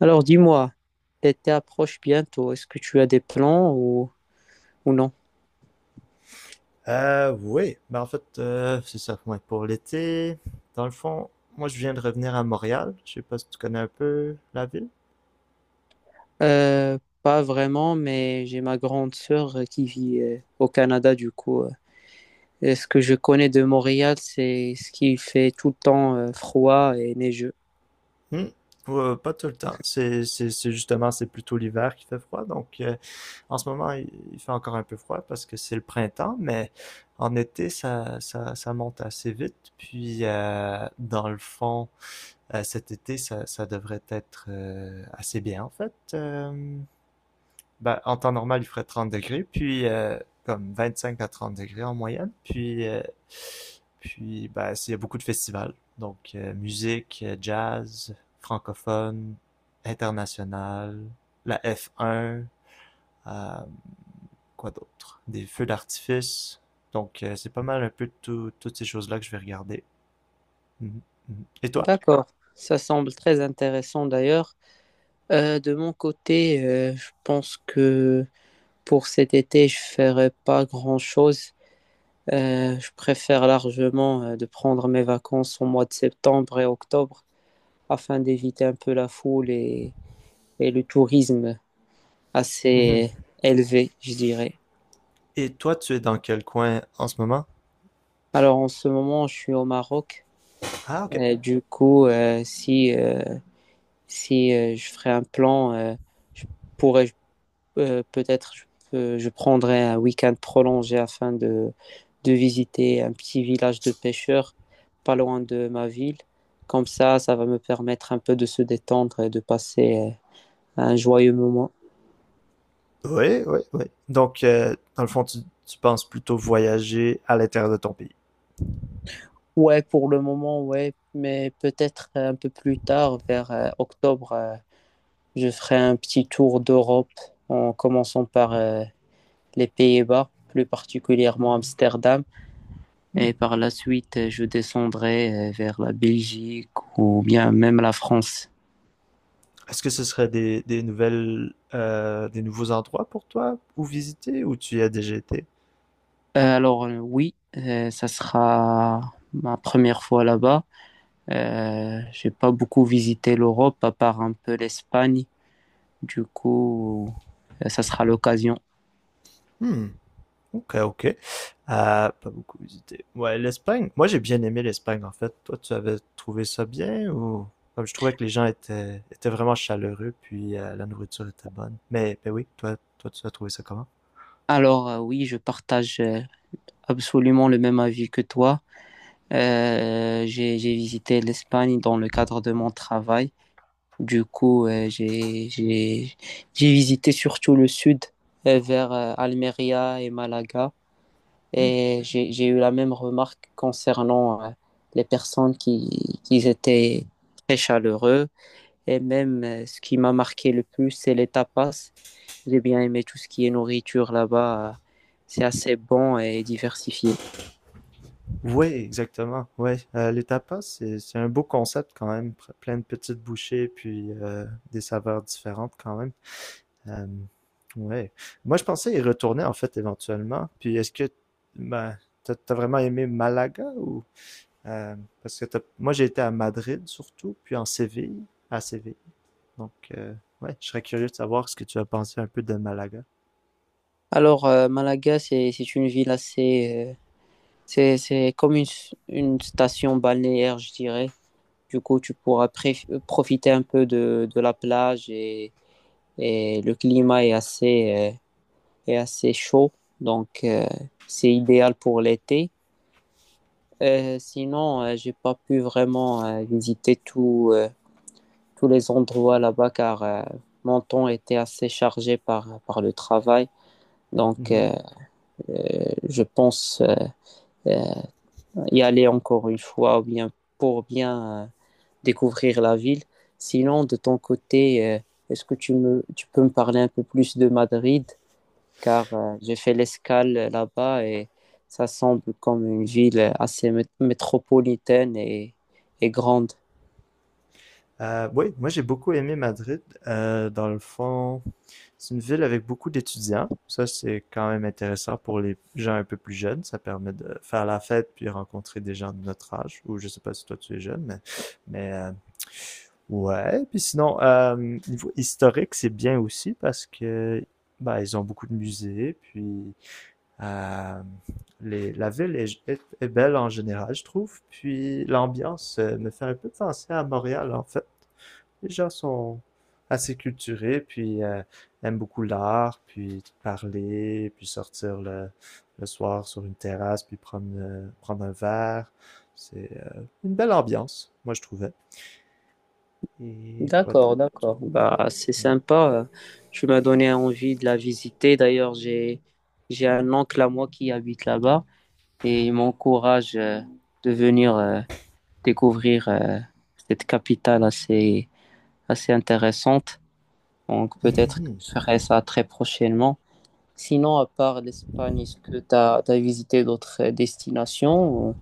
Alors dis-moi, l'été approche bientôt. Est-ce que tu as des plans ou non? Oui, mais en fait, c'est ça. Ouais, pour l'été, dans le fond, moi je viens de revenir à Montréal. Je sais pas si tu connais un peu la ville. Pas vraiment, mais j'ai ma grande sœur qui vit au Canada du coup. Et ce que je connais de Montréal, c'est ce qui fait tout le temps froid et neigeux. Hmm. Ouais, pas tout le temps. C'est justement, c'est plutôt l'hiver qui fait froid. Donc, en ce moment, il fait encore un peu froid parce que c'est le printemps, mais en été, ça monte assez vite. Puis, dans le fond, cet été, ça devrait être assez bien, en fait. Ben, en temps normal, il ferait 30 degrés, puis comme 5 à 30 degrés en moyenne. Puis, puis ben, il y a beaucoup de festivals. Donc, musique, jazz, francophone, international, la F1, euh, quoi d'autre? Des feux d'artifice. Donc, c'est pas mal un peu toutes ces choses-là que je vais regarder. Mhm, mhm. Et toi? D'accord, ça semble très intéressant d'ailleurs. De mon côté, je pense que pour cet été, je ferai pas grand-chose. Je préfère largement de prendre mes vacances au mois de septembre et octobre, afin d'éviter un peu la foule et le tourisme Mhm. assez élevé, je dirais. Et toi, tu es dans quel coin en ce moment? Alors en ce moment, je suis au Maroc. Ah, ok. Et du coup, si, si je ferais un plan, je pourrais peut-être je prendrais un week-end prolongé afin de visiter un petit village de pêcheurs pas loin de ma ville. Comme ça va me permettre un peu de se détendre et de passer un joyeux moment. Oui, oui, oui. Donc, dans le fond, tu penses plutôt voyager à l'intérieur de ton pays. Ouais, pour le moment, ouais, mais peut-être un peu plus tard, vers octobre, je ferai un petit tour d'Europe en commençant par les Pays-Bas, plus particulièrement Amsterdam, Hmm. et par la suite, je descendrai vers la Belgique ou bien même la France. Est-ce que ce serait des nouvelles, des nouveaux endroits pour toi ou visiter ou tu y as déjà été? Oui, ça sera ma première fois là-bas. J'ai pas beaucoup visité l'Europe, à part un peu l'Espagne, du coup, ça sera l'occasion. Hmm. Ok, ok. Pas beaucoup visité. Ouais, l'Espagne. Moi, j'ai bien aimé l'Espagne, en fait. Toi, tu avais trouvé ça bien ou... Comme je trouvais que les étaient vraiment chaleureux, puis la nourriture était bonne. Mais oui, toi, tu as trouvé ça comment? Oui, je partage absolument le même avis que toi. J'ai visité l'Espagne dans le cadre de mon travail. Du coup, j'ai visité surtout le sud, vers Almeria et Malaga. Et j'ai eu la même remarque concernant les personnes qui étaient très chaleureux. Et même, ce qui m'a marqué le plus, c'est les tapas. J'ai bien aimé tout ce qui est nourriture là-bas. C'est assez bon et diversifié. Ouais, exactement. Ouais, les tapas, c'est un beau concept quand même, plein de petites bouchées puis des saveurs différentes quand même. Euh, ouais. Moi, je pensais y retourner en fait éventuellement. Puis est-ce que ben, t'as vraiment aimé Malaga ou euh, parce que moi j'ai été à Madrid surtout, puis à Séville. Donc ouais, je serais curieux de savoir ce que tu as pensé un peu de Malaga. Malaga, c'est une ville assez, c'est comme une station balnéaire, je dirais. Du coup, tu pourras profiter un peu de la plage et le climat est assez chaud. Donc, c'est idéal pour l'été. Sinon, j'ai pas pu vraiment visiter tous les endroits là-bas car mon temps était assez chargé par, par le travail. Donc, Mhm. euh, euh, je pense euh, euh, y aller encore une fois ou bien pour bien découvrir la ville. Sinon, de ton côté, est-ce que tu, me, tu peux me parler un peu plus de Madrid? Car j'ai fait l'escale là-bas et ça semble comme une ville assez métropolitaine et grande. Oui, moi j'ai beaucoup aimé Madrid. Dans le fond. C'est une ville avec beaucoup d'étudiants. Ça, c'est quand même intéressant pour les gens un peu plus jeunes. Ça permet de faire la fête puis rencontrer des gens de notre âge. Ou je sais pas si toi tu es jeune, mais ouais. Puis sinon, niveau historique, c'est bien aussi parce que bah, ils ont beaucoup de musées. Puis euh, la ville est belle en général, je trouve. Puis l'ambiance me fait un peu penser à Montréal, en fait les gens sont assez culturés, puis aiment beaucoup l'art, puis parler, puis sortir le soir sur une terrasse, puis prendre un verre. C'est une belle ambiance, moi je trouvais. Et quoi D'accord, d'autre? d'accord. Bah, c'est sympa. Tu m'as donné envie de la visiter. D'ailleurs, j'ai un oncle à moi qui habite là-bas et il m'encourage de venir découvrir cette capitale assez intéressante. Donc Ouais. peut-être que je ferai ça très prochainement. Sinon, à part l'Espagne, est-ce que tu as visité d'autres destinations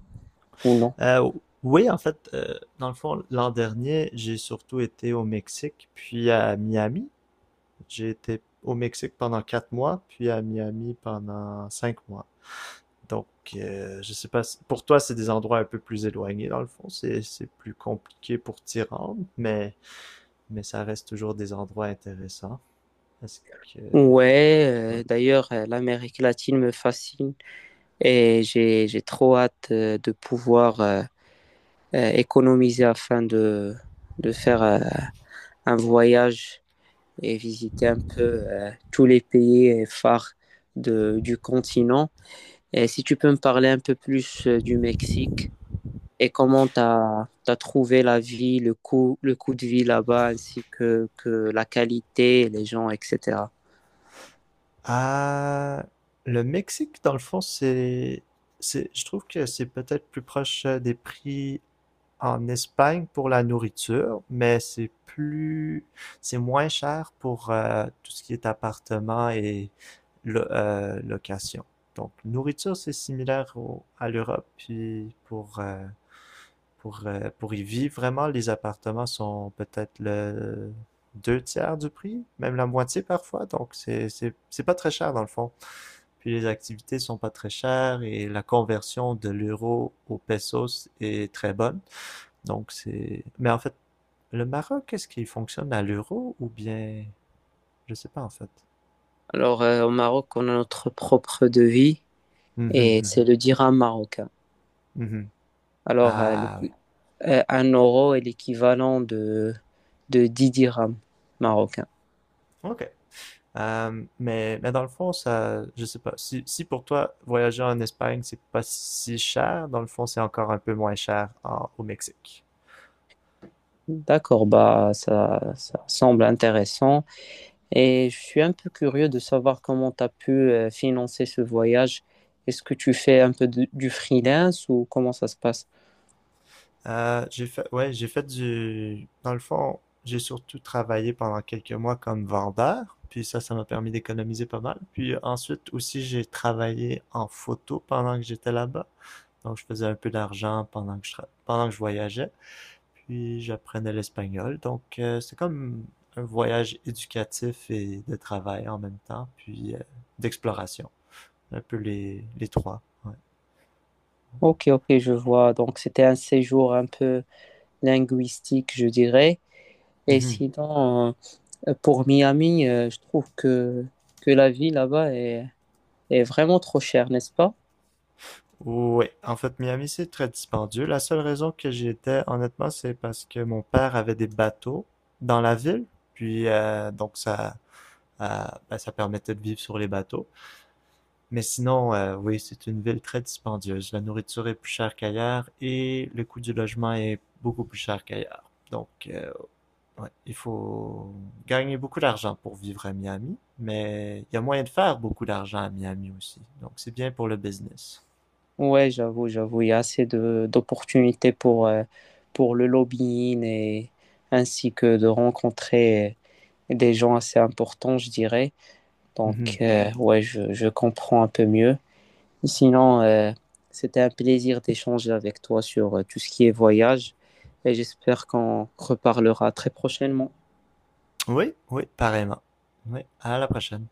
ou non? Euh, oui, en fait, dans le fond, l'an dernier, j'ai surtout été au Mexique, puis à Miami. J'ai été au Mexique pendant 4 mois, puis à Miami pendant 5 mois. Donc, je sais pas, pour toi, c'est des endroits un peu plus éloignés, dans le fond. C'est plus compliqué pour t'y rendre, mais ça reste toujours des endroits intéressants. Parce que, Ouais, ouais. D'ailleurs, l'Amérique latine me fascine, j'ai trop hâte de pouvoir économiser afin de faire un voyage et visiter un peu tous les pays phares de, du continent. Et si tu peux me parler un peu plus du Mexique et comment tu as trouvé la vie, le coût de vie là-bas, ainsi que la qualité, les gens, etc. Ah, le Mexique, dans le fond, c'est, je trouve que c'est peut-être plus proche des prix en Espagne pour la nourriture, mais c'est moins cher pour tout ce qui est appartement et location. Donc, nourriture, c'est similaire à l'Europe. Puis pour y vivre vraiment, les appartements sont peut-être le deux tiers du prix, même la moitié parfois. Donc, c'est pas très cher dans le fond. Puis les activités sont pas très chères et la conversion de l'euro au pesos est très bonne. Donc c'est... Mais en fait, le Maroc, est-ce qu'il fonctionne à l'euro ou bien... Je sais pas en fait. Alors, au Maroc, on a notre propre devis, Mhm, et mhm, c'est le dirham marocain. mhm. Alors, euh, Ah oui. Un euro est l'équivalent de 10 dirhams marocains. OK. Mais dans le fond, ça, je sais pas. Si, si pour toi, voyager en Espagne, c'est pas si cher, dans le fond, c'est encore un peu moins cher au Mexique. D'accord, bah ça, ça semble intéressant. Et je suis un peu curieux de savoir comment tu as pu financer ce voyage. Est-ce que tu fais un peu du freelance ou comment ça se passe? J'ai fait dans le fond, j'ai surtout travaillé pendant quelques mois comme vendeur, puis ça m'a permis d'économiser pas mal. Puis ensuite aussi, j'ai travaillé en photo pendant que j'étais là-bas. Donc, je faisais un peu d'argent pendant que pendant que je voyageais. Puis, j'apprenais l'espagnol. Donc, c'est comme un voyage éducatif et de travail en même temps, puis d'exploration. Un peu les trois. Ok, ok, je vois. Donc c'était un séjour un peu linguistique, je dirais. Et Ouais. sinon, pour Miami, je trouve que la vie là-bas est, est vraiment trop chère, n'est-ce pas? Ouais, en fait, Miami, c'est très dispendieux. La seule raison que j'y étais, honnêtement, c'est parce que mon père avait des bateaux dans la ville, puis donc ça, euh, ben, ça permettait de vivre sur les bateaux. Mais sinon, oui, c'est une ville très dispendieuse. La nourriture est plus chère qu'ailleurs et le coût du logement est beaucoup plus cher qu'ailleurs. Donc, ouais, il faut gagner beaucoup d'argent pour vivre à Miami, mais il y a moyen de faire beaucoup d'argent à Miami aussi. Donc, c'est bien pour le business. Ouais, j'avoue, j'avoue, il y a assez de d'opportunités pour le lobbying et ainsi que de rencontrer des gens assez importants, je dirais. Donc, ouais, je comprends un peu mieux. Sinon, c'était un plaisir d'échanger avec toi sur tout ce qui est voyage et j'espère qu'on reparlera très prochainement. Oui, oui, pareillement. Oui, à la prochaine.